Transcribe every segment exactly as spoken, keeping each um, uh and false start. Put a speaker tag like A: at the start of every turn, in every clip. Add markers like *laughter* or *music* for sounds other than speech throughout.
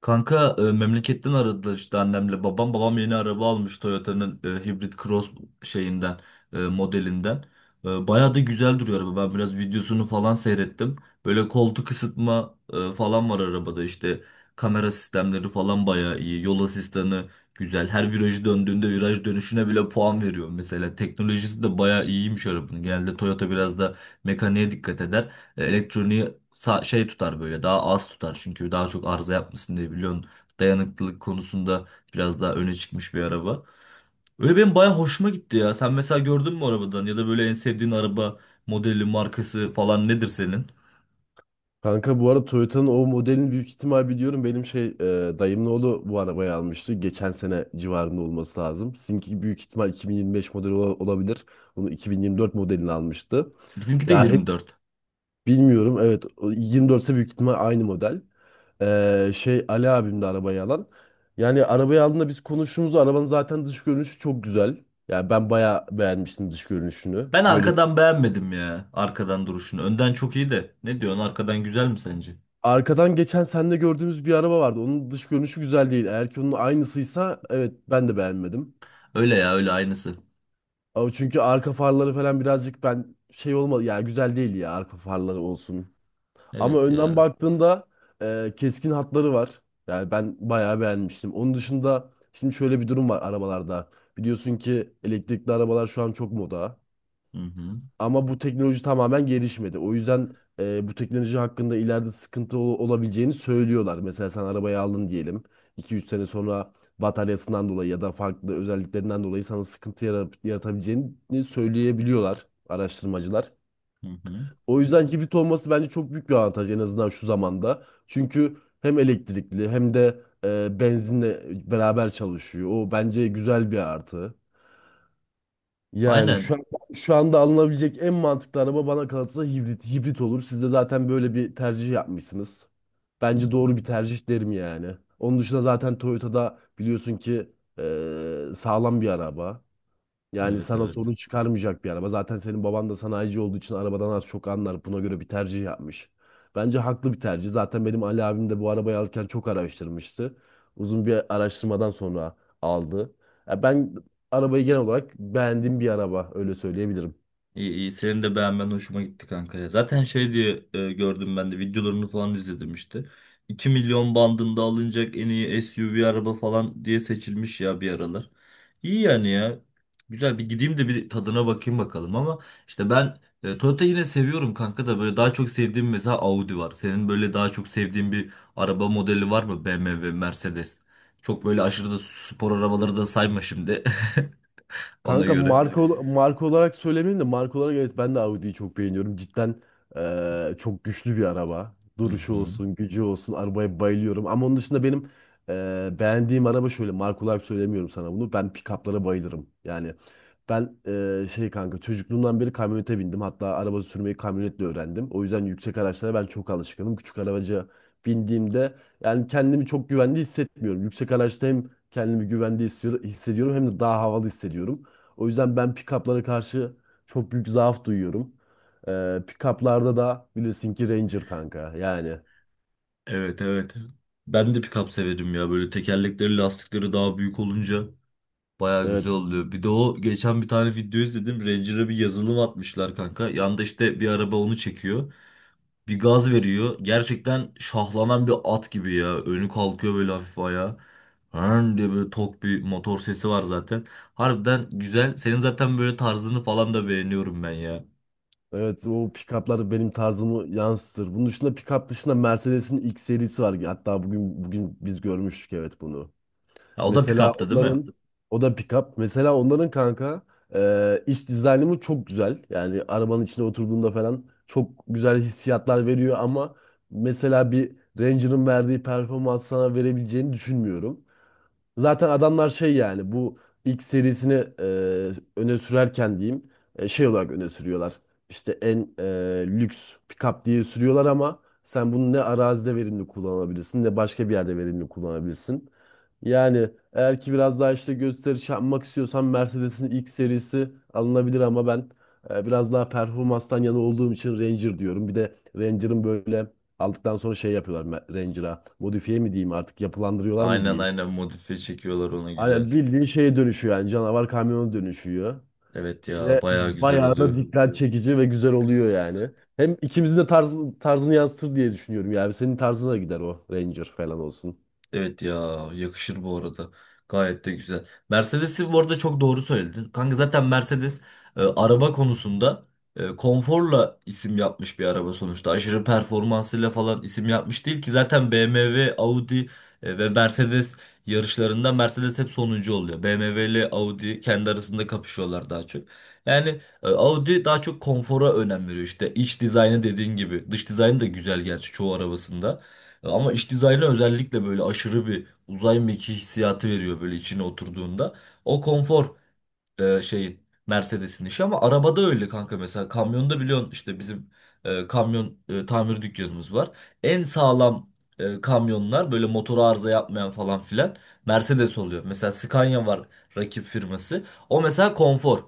A: Kanka, e, memleketten aradılar işte annemle babam. Babam yeni araba almış Toyota'nın e, Hybrid Cross şeyinden e, modelinden. E, bayağı da güzel duruyor araba. Ben biraz videosunu falan seyrettim. Böyle koltuk ısıtma e, falan var arabada işte kamera sistemleri falan bayağı iyi. Yol asistanı güzel. Her virajı döndüğünde viraj dönüşüne bile puan veriyor mesela. Teknolojisi de bayağı iyiymiş arabanın. Genelde Toyota biraz da mekaniğe dikkat eder. E, Elektroniği sa- şey tutar böyle daha az tutar çünkü daha çok arıza yapmasın diye biliyorsun, dayanıklılık konusunda biraz daha öne çıkmış bir araba. Öyle benim baya hoşuma gitti ya. Sen mesela gördün mü arabadan, ya da böyle en sevdiğin araba modeli, markası falan nedir senin?
B: Kanka bu arada Toyota'nın o modelini büyük ihtimal biliyorum. Benim şey e, dayımın oğlu bu arabayı almıştı. Geçen sene civarında olması lazım. Sizinki büyük ihtimal iki bin yirmi beş modeli ola- olabilir. Bunu iki bin yirmi dört modelini almıştı.
A: Bizimki de
B: Ya hep
A: yirmi dört.
B: bilmiyorum. Evet o yirmi dört ise büyük ihtimal aynı model. E, şey Ali abim de arabayı alan. Yani arabayı aldığında biz konuştuğumuzda arabanın zaten dış görünüşü çok güzel. Yani ben bayağı beğenmiştim dış görünüşünü.
A: Ben
B: Böyle
A: arkadan beğenmedim ya, arkadan duruşunu. Önden çok iyi de, ne diyorsun arkadan güzel mi sence?
B: Arkadan geçen sende gördüğümüz bir araba vardı. Onun dış görünüşü güzel değil. Eğer ki onun aynısıysa evet ben de beğenmedim.
A: Öyle ya, öyle aynısı.
B: Ama çünkü arka farları falan birazcık ben şey olmadı. Yani güzel değil ya arka farları olsun. Ama
A: Evet
B: önden
A: ya.
B: baktığında e, keskin hatları var. Yani ben bayağı beğenmiştim. Onun dışında şimdi şöyle bir durum var arabalarda. Biliyorsun ki elektrikli arabalar şu an çok moda.
A: Hı hı.
B: Ama bu teknoloji tamamen gelişmedi. O yüzden e, bu teknoloji hakkında ileride sıkıntı ol- olabileceğini söylüyorlar. Mesela sen arabayı aldın diyelim. İki üç sene sonra bataryasından dolayı ya da farklı özelliklerinden dolayı sana sıkıntı yara- yaratabileceğini söyleyebiliyorlar araştırmacılar.
A: Hı hı.
B: O yüzden hibrit olması bence çok büyük bir avantaj en azından şu zamanda. Çünkü hem elektrikli hem de e, benzinle beraber çalışıyor. O bence güzel bir artı. Yani şu
A: Aynen.
B: an, şu anda alınabilecek en mantıklı araba bana kalırsa hibrit. Hibrit olur. Siz de zaten böyle bir tercih yapmışsınız.
A: Hı hı.
B: Bence doğru bir tercih derim yani. Onun dışında zaten Toyota'da biliyorsun ki eee, sağlam bir araba. Yani
A: Evet,
B: sana
A: evet.
B: sorun çıkarmayacak bir araba. Zaten senin baban da sanayici olduğu için arabadan az çok anlar. Buna göre bir tercih yapmış. Bence haklı bir tercih. Zaten benim Ali abim de bu arabayı alırken çok araştırmıştı. Uzun bir araştırmadan sonra aldı. Ya ben arabayı genel olarak beğendiğim bir araba öyle söyleyebilirim.
A: İyi iyi, senin de beğenmen hoşuma gitti kanka ya. Zaten şey diye e, gördüm, ben de videolarını falan izledim işte. iki milyon bandında alınacak en iyi S U V araba falan diye seçilmiş ya bir aralar. İyi yani ya. Güzel, bir gideyim de bir tadına bakayım bakalım, ama işte ben e, Toyota yine seviyorum kanka da, böyle daha çok sevdiğim mesela Audi var. Senin böyle daha çok sevdiğin bir araba modeli var mı? B M W, Mercedes. Çok böyle aşırı da spor arabaları da sayma şimdi *laughs* ona
B: Kanka
A: göre.
B: marka Yani ol- marka olarak söylemeyeyim de marka olarak evet ben de Audi'yi çok beğeniyorum. Cidden eee, çok güçlü bir araba.
A: Hı
B: Duruşu
A: hı.
B: olsun, gücü olsun, arabaya bayılıyorum. Ama onun dışında benim eee, beğendiğim araba şöyle marka olarak söylemiyorum sana bunu. Ben pick-up'lara bayılırım. Yani ben eee, şey kanka çocukluğumdan beri kamyonete bindim. Hatta araba sürmeyi kamyonetle öğrendim. O yüzden yüksek araçlara ben çok alışkınım. Küçük arabaca bindiğimde yani kendimi çok güvende hissetmiyorum. Yüksek araçta hem kendimi güvende hissediyorum hissediyorum hem de daha havalı hissediyorum. O yüzden ben pick-up'lara karşı çok büyük zaaf duyuyorum. Ee, pick-up'larda da bilirsin ki Ranger kanka. Yani
A: Evet, evet. Ben de pick-up severim ya. Böyle tekerlekleri, lastikleri daha büyük olunca baya güzel
B: evet.
A: oluyor. Bir de o geçen bir tane video izledim. Ranger'a bir yazılım atmışlar kanka. Yanda işte bir araba onu çekiyor. Bir gaz veriyor. Gerçekten şahlanan bir at gibi ya. Önü kalkıyor böyle, hafif ayağa. Hırn diye böyle tok bir motor sesi var zaten. Harbiden güzel. Senin zaten böyle tarzını falan da beğeniyorum ben ya.
B: Evet o pick-up'lar benim tarzımı yansıtır. Bunun dışında pick-up dışında Mercedes'in X serisi var. Hatta bugün bugün biz görmüştük evet bunu.
A: Ha, o da
B: Mesela
A: pick-up'tı değil mi?
B: onların o da pick-up. Mesela onların kanka e, iç dizaynımı çok güzel. Yani arabanın içine oturduğunda falan çok güzel hissiyatlar veriyor ama mesela bir Ranger'ın verdiği performans sana verebileceğini düşünmüyorum. Zaten adamlar şey yani bu ilk serisini e, öne sürerken diyeyim e, şey olarak öne sürüyorlar. İşte en e, lüks pick-up diye sürüyorlar ama sen bunu ne arazide verimli kullanabilirsin ne başka bir yerde verimli kullanabilirsin. Yani eğer ki biraz daha işte gösteriş yapmak istiyorsan Mercedes'in ilk serisi alınabilir ama ben e, biraz daha performanstan yana olduğum için Ranger diyorum. Bir de Ranger'ın böyle aldıktan sonra şey yapıyorlar Ranger'a modifiye mi diyeyim artık yapılandırıyorlar mı
A: Aynen,
B: diyeyim.
A: aynen, modifiye çekiyorlar ona, güzel.
B: Aynen bildiğin şeye dönüşüyor yani canavar kamyona dönüşüyor.
A: Evet ya,
B: Ve
A: bayağı güzel
B: bayağı da
A: oluyor.
B: dikkat çekici ve güzel oluyor yani. Hem ikimizin de tarz, tarzını yansıtır diye düşünüyorum yani. Senin tarzına gider o Ranger falan olsun.
A: Evet ya, yakışır bu arada. Gayet de güzel. Mercedes'i bu arada çok doğru söyledin. Kanka zaten Mercedes e, araba konusunda e, konforla isim yapmış bir araba sonuçta. Aşırı performansıyla falan isim yapmış değil ki zaten, B M W, Audi e, ve Mercedes yarışlarında Mercedes hep sonuncu oluyor. B M W ile Audi kendi arasında kapışıyorlar daha çok. Yani e, Audi daha çok konfora önem veriyor, İşte iç dizaynı dediğin gibi. Dış dizaynı da güzel gerçi çoğu arabasında. Ama iç dizaynı özellikle böyle aşırı bir uzay mekiği hissiyatı veriyor böyle içine oturduğunda. O konfor e, şeyin Mercedes'in işi, ama arabada öyle kanka, mesela kamyonda biliyorsun işte bizim e, kamyon e, tamir dükkanımız var. En sağlam e, kamyonlar, böyle motoru arıza yapmayan falan filan, Mercedes oluyor. Mesela Scania var, rakip firması. O mesela konfor.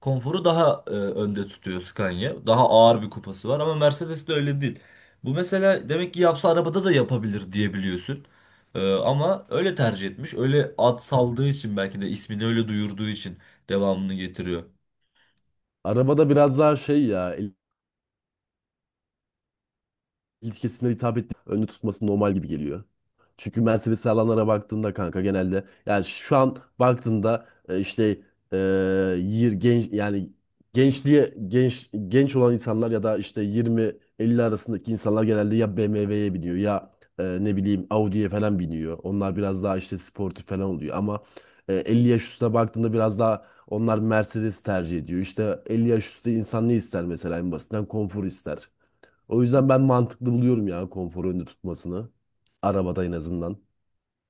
A: Konforu daha e, önde tutuyor Scania. Daha ağır bir kupası var ama Mercedes de öyle değil. Bu mesela demek ki yapsa arabada da yapabilir diyebiliyorsun. E, ama öyle tercih etmiş. Öyle ad saldığı için, belki de ismini öyle duyurduğu için devamını getiriyor.
B: Arabada biraz daha şey ya ilk kesimlere hitap ettiği önde tutması normal gibi geliyor. Çünkü Mercedes alanlara baktığında kanka genelde yani şu an baktığında e, işte e, yir genç yani gençliğe genç genç olan insanlar ya da işte yirmi elli arasındaki insanlar genelde ya B M W'ye biniyor ya e, ne bileyim Audi'ye falan biniyor. Onlar biraz daha işte sportif falan oluyor ama e, elli yaş üstüne baktığında biraz daha onlar Mercedes tercih ediyor. İşte elli yaş üstü insan ne ister mesela en basitinden konfor ister. O yüzden ben mantıklı buluyorum ya konforu önde tutmasını. Arabada en azından.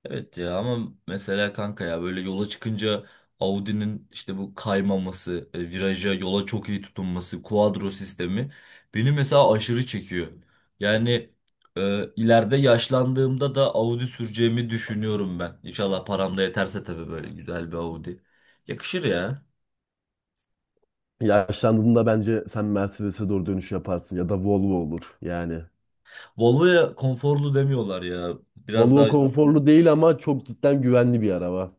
A: Evet ya, ama mesela kanka ya, böyle yola çıkınca Audi'nin işte bu kaymaması, e, viraja, yola çok iyi tutunması, kuadro sistemi beni mesela aşırı çekiyor. Yani e, ileride yaşlandığımda da Audi süreceğimi düşünüyorum ben. İnşallah param da yeterse tabii, böyle güzel bir Audi. Yakışır ya.
B: Yaşlandığında bence sen Mercedes'e doğru dönüş yaparsın ya da Volvo olur yani.
A: Volvo'ya konforlu demiyorlar ya. Biraz
B: Volvo
A: daha...
B: konforlu değil ama çok cidden güvenli bir araba.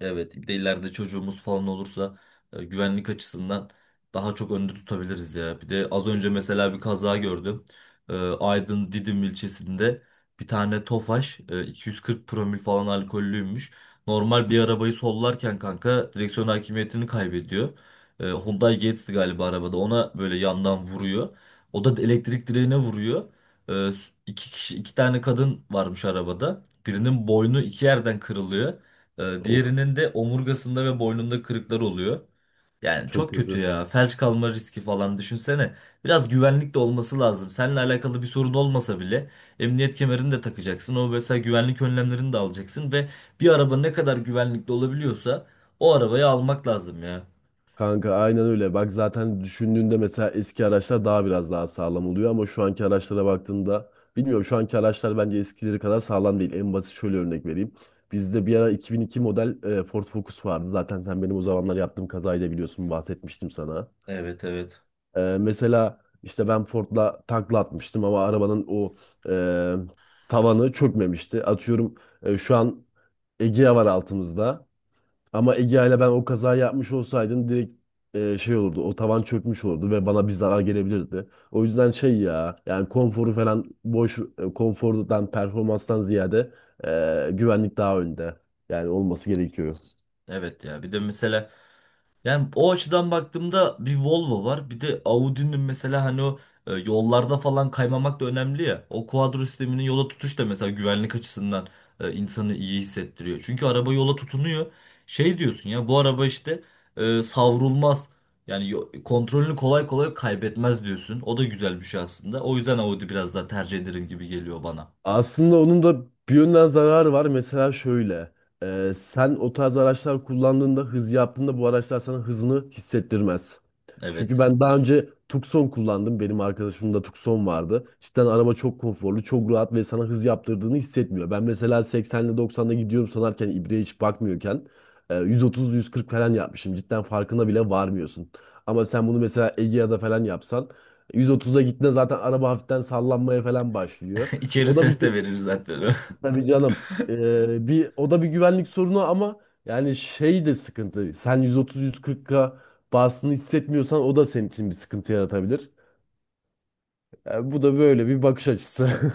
A: Evet, bir de ileride çocuğumuz falan olursa e, güvenlik açısından daha çok önde tutabiliriz ya. Bir de az önce mesela bir kaza gördüm. E, Aydın Didim ilçesinde bir tane Tofaş e, iki yüz kırk promil falan alkollüymüş. Normal bir arabayı sollarken kanka direksiyon hakimiyetini kaybediyor. E, Hyundai Getz'ti galiba arabada. Ona böyle yandan vuruyor. O da elektrik direğine vuruyor. E, iki kişi, iki tane kadın varmış arabada. Birinin boynu iki yerden kırılıyor. Ee,
B: Of,
A: diğerinin de omurgasında ve boynunda kırıklar oluyor. Yani
B: çok
A: çok kötü
B: kötü.
A: ya. Felç kalma riski falan düşünsene. Biraz güvenlik de olması lazım. Seninle alakalı bir sorun olmasa bile, emniyet kemerini de takacaksın. O mesela, güvenlik önlemlerini de alacaksın ve bir araba ne kadar güvenlikli olabiliyorsa o arabayı almak lazım ya.
B: Kanka aynen öyle. Bak zaten düşündüğünde mesela eski araçlar daha biraz daha sağlam oluyor ama şu anki araçlara baktığında bilmiyorum şu anki araçlar bence eskileri kadar sağlam değil. En basit şöyle örnek vereyim. Bizde bir ara iki bin iki model e, Ford Focus vardı. Zaten sen benim o zamanlar yaptığım kazayı da biliyorsun bahsetmiştim sana.
A: Evet, evet.
B: E, mesela işte ben Ford'la takla atmıştım ama arabanın o e, tavanı çökmemişti. Atıyorum e, şu an Egea var altımızda. Ama Egea ile ben o kazayı yapmış olsaydım direkt e, şey olurdu. O tavan çökmüş olurdu ve bana bir zarar gelebilirdi. O yüzden şey ya yani konforu falan boş e, konfordan performanstan ziyade e, güvenlik daha önde. Yani olması gerekiyor.
A: Evet ya. Bir de mesela... Yani o açıdan baktığımda bir Volvo var. Bir de Audi'nin mesela, hani o e, yollarda falan kaymamak da önemli ya. O kuadro sisteminin yola tutuş da mesela güvenlik açısından e, insanı iyi hissettiriyor. Çünkü araba yola tutunuyor. Şey diyorsun ya, bu araba işte e, savrulmaz. Yani yo- kontrolünü kolay kolay kaybetmez diyorsun. O da güzel bir şey aslında. O yüzden Audi biraz daha tercih ederim gibi geliyor bana.
B: Aslında onun da bir yönden zararı var. Mesela şöyle. E, sen o tarz araçlar kullandığında, hız yaptığında bu araçlar sana hızını hissettirmez. Çünkü
A: Evet.
B: ben daha önce Tucson kullandım. Benim arkadaşımda Tucson vardı. Cidden araba çok konforlu, çok rahat ve sana hız yaptırdığını hissetmiyor. Ben mesela seksenle doksanda gidiyorum sanarken, ibreye hiç bakmıyorken e, yüz otuz yüz kırk falan yapmışım. Cidden farkına bile varmıyorsun. Ama sen bunu mesela Egea'da falan yapsan yüz otuza gittiğinde zaten araba hafiften sallanmaya falan başlıyor.
A: *laughs* İçeri
B: O da bir
A: ses de
B: gü-
A: verir zaten. *laughs*
B: Tabii canım. Ee, bir o da bir güvenlik sorunu ama yani şey de sıkıntı. Sen yüz otuz-yüz kırk K bastığını hissetmiyorsan o da senin için bir sıkıntı yaratabilir. Ee, bu da böyle bir bakış açısı.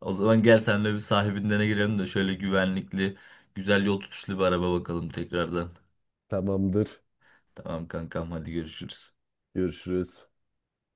A: O zaman gel senle bir sahibinden girelim de şöyle güvenlikli, güzel yol tutuşlu bir araba bakalım tekrardan.
B: *laughs* Tamamdır.
A: Tamam kankam, hadi görüşürüz.
B: Görüşürüz.